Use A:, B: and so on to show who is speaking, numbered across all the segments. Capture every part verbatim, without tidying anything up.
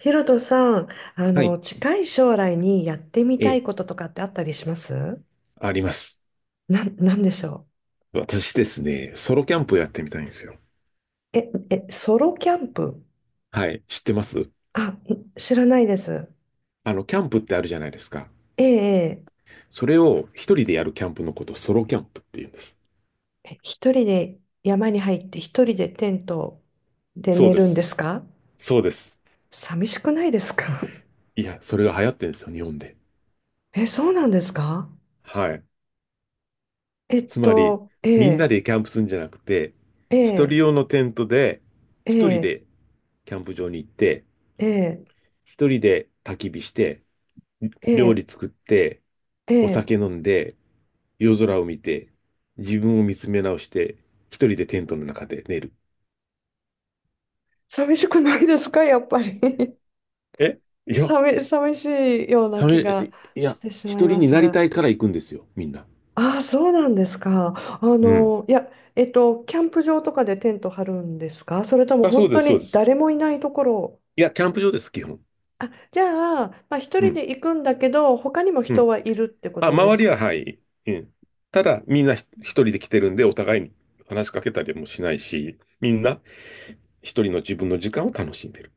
A: ヒロトさん、あ
B: はい。
A: の、近い将来にやってみ
B: え
A: たい
B: え。
A: こととかってあったりします？
B: あります。
A: なん、なんでしょ
B: 私ですね、ソロキャンプやってみたいんですよ。
A: う？え、え、ソロキャンプ？
B: はい。知ってます。
A: あ、い知らないです。
B: あの、キャンプってあるじゃないですか。
A: ええ、え
B: それを一人でやるキャンプのこと、ソロキャンプって言うんです。
A: ええ一人で山に入って一人でテントで
B: そう
A: 寝
B: で
A: るんで
B: す。
A: すか？
B: そうです。
A: 寂しくないですか？
B: いや、それが流行ってるんですよ、日本で。
A: え、そうなんですか？
B: はい。
A: えっ
B: つまり、
A: と、え
B: みんな
A: え、
B: でキャンプするんじゃなくて、
A: え
B: 一人
A: え、
B: 用のテントで、
A: え
B: 一人
A: え、
B: でキャンプ場に行って、
A: ええ、
B: 一人で焚き火して、
A: え
B: 料理
A: え、
B: 作って、お
A: ええ、
B: 酒飲んで、夜空を見て、自分を見つめ直して、一人でテントの中で寝る。
A: 寂しくないですかやっぱり。
B: えいや、
A: 寂、寂しいような
B: サ
A: 気
B: メ、
A: が
B: い
A: し
B: や、
A: てしま
B: 一
A: いま
B: 人に
A: す
B: なり
A: が。
B: たいから行くんですよ、みんな。
A: ああ、そうなんですか。あ
B: うん。
A: の、いや、えっと、キャンプ場とかでテント張るんですか、それとも
B: あ、そう
A: 本
B: で
A: 当
B: す、そうで
A: に
B: す。
A: 誰もいないところ？
B: いや、キャンプ場です、基本。
A: あ、じゃあ、まあ、一
B: う
A: 人
B: ん。
A: で行くんだけど、他にも
B: う
A: 人
B: ん。
A: はいるってこ
B: あ、
A: とで
B: 周
A: す
B: りは、
A: か？
B: はい。うん。ただ、みんなひ一人で来てるんで、お互いに話しかけたりもしないし、みんな一人の自分の時間を楽しんでる。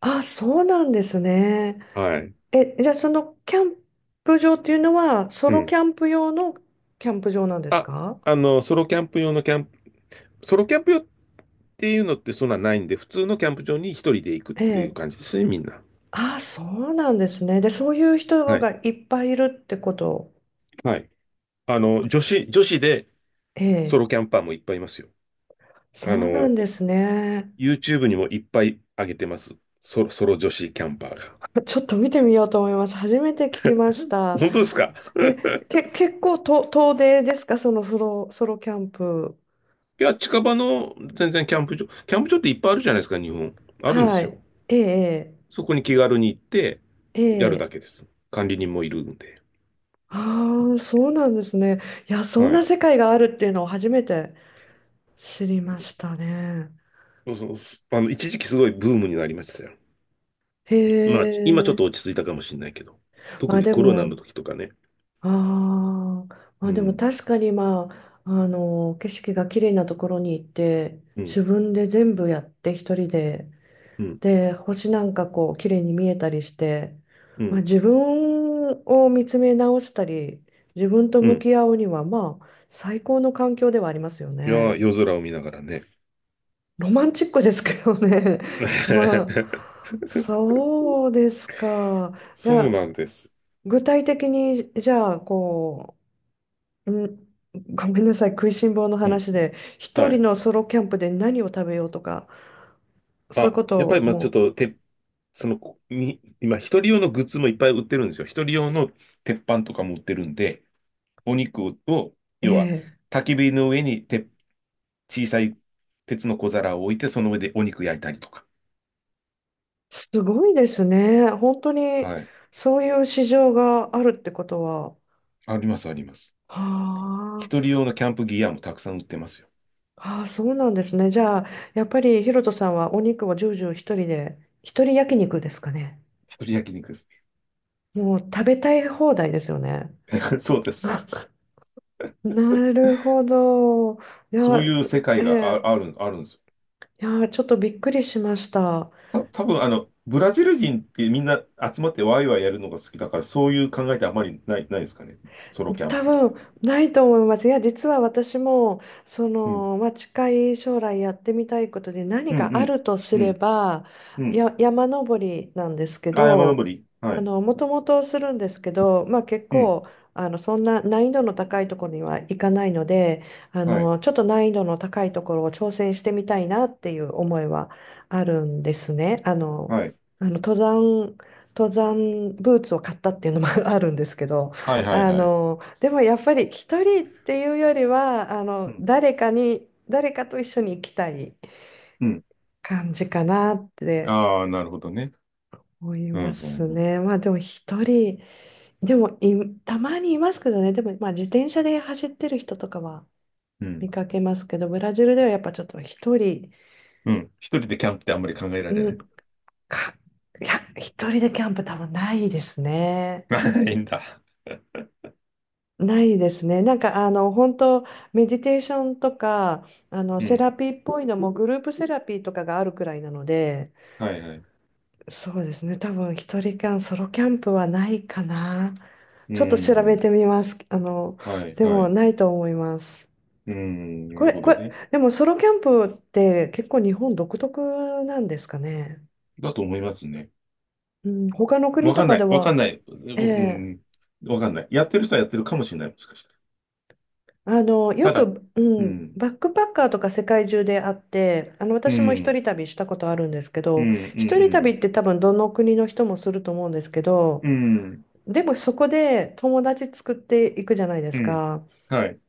A: あ、そうなんですね。
B: はい。
A: え、じゃあそのキャンプ場っていうのは、ソ
B: う
A: ロキ
B: ん。
A: ャンプ用のキャンプ場なんです
B: あ、
A: か？
B: あの、ソロキャンプ用のキャンプ、ソロキャンプ用っていうのってそんなないんで、普通のキャンプ場に一人で行くっ
A: え
B: ていう
A: え。
B: 感じですね、みんな。
A: あ、そうなんですね。で、そういう人
B: はい。
A: がいっぱいいるってこと。
B: はい。あの、女子、女子で
A: え
B: ソ
A: え、
B: ロキャンパーもいっぱいいますよ。
A: そ
B: あ
A: うなん
B: の、
A: ですね。
B: ユーチューブ にもいっぱい上げてます。ソロ、ソロ女子キャンパーが。
A: ちょっと見てみようと思います。初めて聞きました。
B: 本当ですか？
A: え、け、結構と遠出ですか、そのソロ、ソロキャンプ。
B: いや、近場の全然キャンプ場、キャンプ場っていっぱいあるじゃないですか、日本。あるんで
A: は
B: すよ。
A: い。ええ、
B: そこに気軽に行って、
A: え
B: やるだ
A: え。え
B: け
A: え、
B: です。管理人もいるんで。
A: ああ、そうなんですね。いや、そん
B: は
A: な
B: い。
A: 世界があるっていうのを初めて知りましたね。
B: そうそう。あの、一時期すごいブームになりましたよ。
A: へ
B: まあ、今ちょっと
A: え。
B: 落ち着いたかもしれないけど、
A: ま
B: 特
A: あ
B: に
A: で
B: コロナの
A: も、
B: 時とかね。
A: ああ、ま
B: う
A: あでも
B: ん、
A: 確かに、まあ、あの、景色が綺麗なところに行って、
B: うん、
A: 自分で全部やって一人で、
B: うん、
A: で、星なんかこう綺麗に見えたりして、
B: う
A: まあ
B: ん、
A: 自分を見つめ直したり、自分と
B: う
A: 向
B: ん。
A: き合うには、まあ、最高の環境ではありますよ
B: いや
A: ね。
B: ー、夜空を見ながらね。
A: ロマンチックですけどね。まあ、そうですか。い
B: そう
A: や、
B: なんです。
A: 具体的にじゃあこう、うんごめんなさい、食いしん坊の
B: うん。
A: 話で、一
B: は
A: 人
B: い。
A: のソロキャンプで何を食べようとか、そういう
B: あ、
A: こと
B: やっぱ
A: を
B: り、まあ、ちょっ
A: も
B: と、て、その、こに、今、一人用のグッズもいっぱい売ってるんですよ。一人用の鉄板とかも売ってるんで、お肉を、
A: う。え
B: 要は、
A: え、
B: 焚き火の上にて、小さい鉄の小皿を置いて、その上でお肉焼いたりとか。
A: すごいですね。本当に
B: はい。
A: そういう市場があるってことは。は
B: あります、あります。
A: あ、
B: 一人用のキャンプギアもたくさん売ってますよ。
A: ああ、そうなんですね。じゃあ、やっぱりヒロトさんはお肉をジュージュー一人で、一人焼肉ですかね。
B: 一人焼肉です。
A: もう食べたい放題ですよね。
B: そうです。
A: なるほど。い
B: そ
A: や、
B: ういう世界が
A: え
B: あ、ある、あるんですよ。
A: え、いや、ちょっとびっくりしました。
B: た、多分あの、ブラジル人ってみんな集まってワイワイやるのが好きだから、そういう考えってあまりない、ないですかね。ソロキャン
A: 多
B: プみたい
A: 分ないと思います。いや、実は私も、そ
B: な。うん。
A: の、まあ、近い将来やってみたいことで何
B: うん、
A: か
B: う
A: あ
B: ん。
A: るとす
B: う
A: れ
B: ん、
A: ば、
B: うん。
A: や、山登りなんですけ
B: あ、山
A: ど、
B: 登り。は
A: あ
B: い。
A: の、もともとするんですけど、まあ、結
B: うん。
A: 構、あの、そんな難易度の高いところには行かないので、あ
B: はい。
A: の、ちょっと難易度の高いところを挑戦してみたいなっていう思いはあるんですね。あの、
B: はい。
A: あの、登山、登山ブーツを買ったっていうのも あるんですけど。
B: はい、はい、
A: あ
B: はい。
A: のでもやっぱり一人っていうよりは、あ
B: う
A: の
B: ん。
A: 誰かに誰かと一緒に行きたい
B: うん。
A: 感じかなって
B: ああ、なるほどね。
A: 思い
B: うん、う
A: ま
B: ん、
A: す
B: うん。
A: ね。まあでも一人でもいたまにいますけどね。でもまあ自転車で走ってる人とかは
B: うん。
A: 見かけますけど、ブラジルではやっぱちょっと一人、
B: うん、一人でキャンプってあんまり考えられ
A: う
B: な
A: ん
B: い。
A: かいや、一人でキャンプ多分ないですね。
B: ないんだ。
A: ないですね。なんかあの本当メディテーションとかあの
B: う
A: セ
B: ん。
A: ラピーっぽいのもグループセラピーとかがあるくらいなので、
B: はい、はい。
A: そうですね。多分一人間ソロキャンプはないかな。
B: う
A: ちょっと調べ
B: ん。
A: てみます。あの
B: はい、
A: で
B: は
A: も
B: い。
A: ないと思います。
B: うん。な
A: こ
B: る
A: れ
B: ほ
A: こ
B: ど
A: れ
B: ね。
A: でもソロキャンプって結構日本独特なんですかね。
B: だと思いますね。
A: うん、他の国
B: わ
A: と
B: かん
A: か
B: な
A: で
B: い。わかんな
A: は、
B: い。
A: え
B: 僕、う
A: え、
B: ん、わかんない。やってる人はやってるかもしれない。もしかした
A: あの、よ
B: ら。ただ、
A: く、う
B: う
A: ん、
B: ん、
A: バックパッカーとか世界中であって、あの、
B: う
A: 私も一
B: ん、
A: 人旅したことあるんですけ
B: うん、
A: ど、
B: う
A: 一人旅
B: ん、
A: って多分どの国の人もすると思うんですけど、
B: うん、うん、
A: でもそこで友達作っていくじゃないで
B: う
A: す
B: ん、
A: か。
B: はい。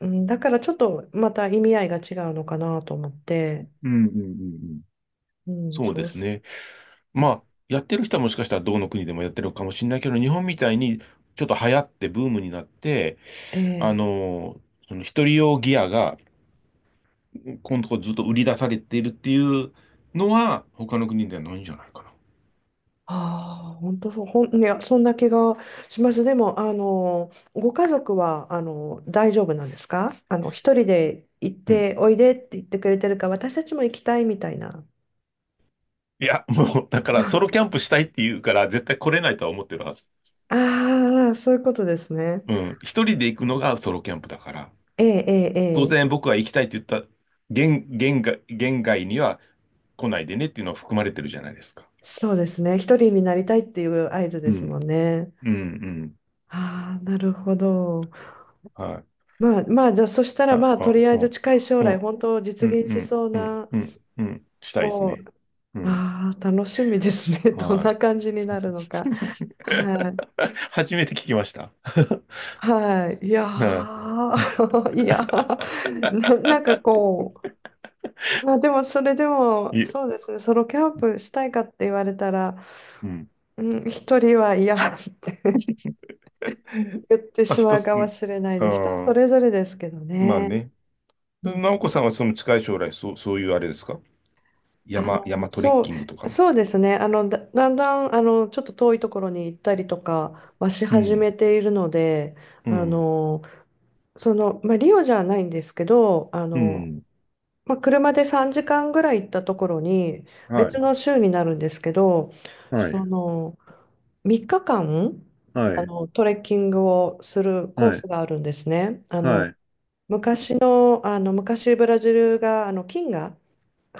A: うん、だからちょっとまた意味合いが違うのかなと思って、
B: うん、うん、うんうん。
A: うん、
B: そう
A: そ
B: で
A: う
B: す
A: す、
B: ね。まあ、やってる人はもしかしたらどの国でもやってるかもしれないけど、日本みたいにちょっと流行ってブームになって、あ
A: ええ。
B: の、その一人用ギアが今度ずっと売り出されているっていうのは、他の国ではないんじゃないかな。
A: ああ、本当そう、ほん、いや、そんな気がします。でも、あの、ご家族は、あの、大丈夫なんですか？あの、一人で行っ
B: うん。
A: て、おいでって言ってくれてるか、私たちも行きたいみたいな。
B: いや、もう、だからソロキャンプしたいって言うから、絶対来れないとは思ってるはず。
A: ああ、そういうことですね。
B: うん。一人で行くのがソロキャンプだから。
A: ええ、ええ、
B: 当
A: え
B: 然
A: え、
B: 僕は行きたいって言った限、限界、限界には来ないでねっていうのは含まれてるじゃないですか。
A: そうですね。一人になりたいっていう合図
B: う
A: です
B: ん。
A: もんね。
B: うん、うん。
A: ああ、なるほど。
B: はい。
A: まあ、まあ、じゃあ、そしたら、
B: あ、
A: まあ、と
B: あ、
A: りあ
B: う
A: えず
B: ん、
A: 近い将
B: う
A: 来、
B: ん、
A: 本当
B: う
A: 実
B: ん、
A: 現
B: う
A: し
B: ん、
A: そう
B: うん、うん、
A: な、
B: うんうんうん、したいです
A: こ
B: ね。
A: う、
B: うん。
A: ああ、楽しみですね。どん
B: は
A: な感じになる
B: い。
A: のか。はい。
B: 初めて聞きました。
A: はい。いや
B: は
A: ー いやー な、なんかこう、まあでもそれで
B: い。
A: も、
B: いえ、
A: そうですね、ソロキャンプしたいかって言われたら、
B: うん。
A: うん、一人は嫌って 言って
B: まあ、
A: しま
B: 一
A: う
B: つ、
A: か
B: う
A: も
B: ん。
A: しれないです。人それぞれですけど
B: まあ
A: ね。
B: ね。
A: うん。
B: 直子さんはその近い将来、そう、そういうあれですか
A: あ
B: 山、
A: の、
B: 山トレッ
A: そ
B: キングと
A: う、
B: か。
A: そうですね。あの、だ、だんだん、あの、ちょっと遠いところに行ったりとかはし
B: う
A: 始
B: ん、
A: めているので、
B: う
A: あ
B: ん、
A: の、その、まあ、リオじゃないんですけど、あ
B: う
A: の、
B: ん。
A: まあ、車でさんじかんぐらい行ったところに、
B: は
A: 別
B: い、
A: の州になるんですけど、
B: は
A: そ
B: い、
A: の、みっかかん、
B: は
A: あ
B: い、
A: の、トレッキングをするコー
B: はい、
A: スがあるんですね。あ
B: は
A: の、
B: い、
A: 昔の、あの、昔ブラジルが、あの、金が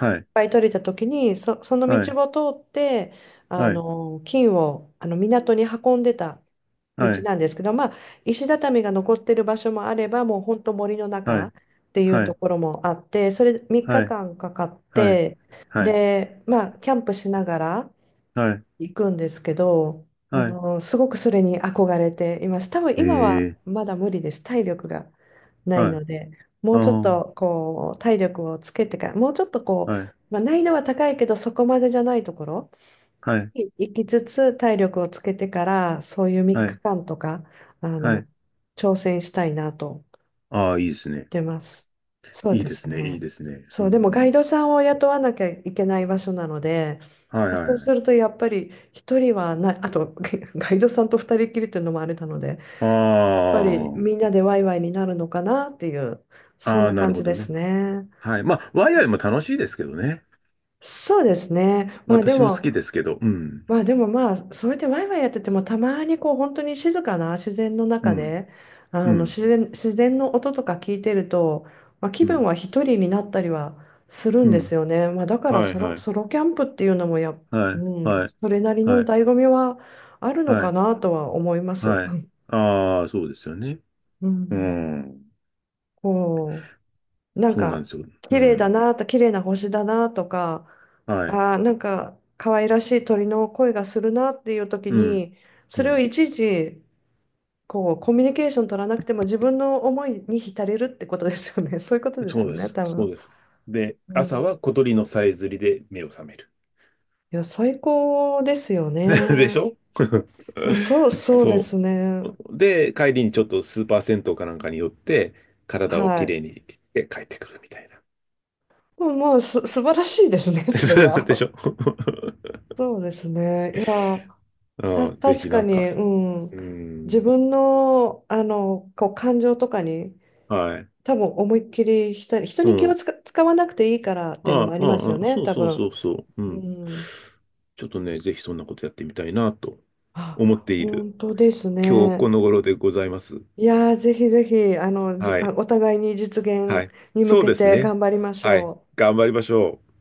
A: いっ
B: い、
A: ぱい取れた時に、そ、その
B: は
A: 道を通って、あ
B: い、
A: の、金を、あの、港に運んでた道
B: はい、
A: なんですけど、まあ、石畳が残ってる場所もあれば、もう本当森の
B: は
A: 中っ
B: い、
A: ていう
B: は
A: と
B: い、
A: ころもあって、それ3
B: はい、
A: 日間かんかかっ
B: はい、はい、はい、
A: て、で、まあ、キャンプしながら
B: はい、
A: 行くんですけど、あ
B: はい、
A: の、すごくそれに憧れています。多分
B: え
A: 今は
B: え、
A: まだ無理です。体力がない
B: はい、
A: ので、も
B: あ
A: うちょっ
B: あ、
A: とこう、体力をつけてから、もうちょっとこう、
B: はい、
A: まあ、難易度は高いけど、そこまでじゃないところ
B: はい、
A: い行きつつ体力をつけてから、そういう3
B: はい、
A: 日間とかあ
B: はい、
A: の挑戦したいなと思っ
B: ああ、いいですね。
A: てます。そう
B: いい
A: で
B: で
A: す
B: すね、いい
A: ね。
B: ですね。う
A: そうで
B: ん
A: も
B: う
A: ガイ
B: ん。
A: ドさんを雇わなきゃいけない場所なので、
B: はい、はい、
A: そう
B: は
A: する
B: い。
A: とやっぱり一人はない。あとガガイドさんと二人きりっていうのもあれなので、
B: あ
A: やっぱりみんなでワイワイになるのかなっていう
B: あ、
A: そん
B: ああ、
A: な
B: な
A: 感
B: るほ
A: じで
B: ど
A: す
B: ね。
A: ね。
B: はい。まあ、ワイワイも楽しいですけどね。
A: そうですね。まあで
B: 私も好
A: も
B: きですけど、うん、
A: まあでもまあそうやってワイワイやっててもたまにこう本当に静かな自然の
B: う
A: 中
B: ん、
A: であ
B: う
A: の
B: ん、
A: 自然、自然の音とか聞いてると、まあ、気
B: う
A: 分
B: ん、
A: は一人になったりはするん
B: う
A: です
B: ん。
A: よね。まあ、だから
B: はい、
A: ソ
B: は
A: ロ、
B: い、
A: ソロキャンプっていうのもや、
B: はい、
A: うん、
B: はい、
A: それなりの
B: はい、
A: 醍醐味はあるの
B: は
A: か
B: い、
A: なとは思います。
B: はい。ああ、そうですよね。
A: う
B: う
A: ん、
B: ん、
A: こう、なん
B: そうなん
A: か
B: ですよ。う
A: 綺麗だ
B: ん、
A: なと、綺麗な星だなとか、
B: はい、
A: あーなんか可愛らしい鳥の声がするなっていう時
B: うん、
A: に、
B: う
A: それを
B: ん。
A: いちいちこうコミュニケーション取らなくても自分の思いに浸れるってことですよね。 そういうことです
B: そう
A: よ
B: で
A: ね、
B: す、
A: 多
B: そう
A: 分。
B: です。で、
A: う
B: 朝
A: ん、
B: は小鳥のさえずりで目を覚める。
A: いや最高ですよ
B: でし
A: ね。
B: ょ
A: まあ、そう、そうで
B: そ
A: すね。
B: う。で、帰りにちょっとスーパー銭湯かなんかに寄って、
A: は
B: 体をきれい
A: い。
B: にして帰ってくるみたい
A: まあまあす素晴らしいですね、それ
B: な。でし
A: は。
B: ょ
A: そうですね。
B: あ
A: た、
B: あ、ぜ
A: 確
B: ひ
A: か
B: なんか、
A: に、うん。
B: う
A: 自
B: ん、
A: 分の、あの、こう、感情とかに、
B: はい。
A: 多分思いっきり人に、人
B: う
A: に気を
B: ん。
A: 使使わなくていいからっていうのも
B: あ
A: あ
B: あ、
A: りますよ
B: ああ
A: ね、
B: そう
A: 多
B: そうそ
A: 分。
B: うそう。う
A: う
B: ん。
A: ん。
B: ちょっとね、ぜひそんなことやってみたいなと思っ
A: あ、
B: ている
A: 本当です
B: 今日こ
A: ね。
B: の頃でございます。
A: いやー、ぜひぜひ、あの、じ、
B: は
A: あ、
B: い。
A: お互いに実
B: は
A: 現
B: い。
A: に向
B: そう
A: け
B: です
A: て
B: ね。
A: 頑張りまし
B: はい。
A: ょう。
B: 頑張りましょう。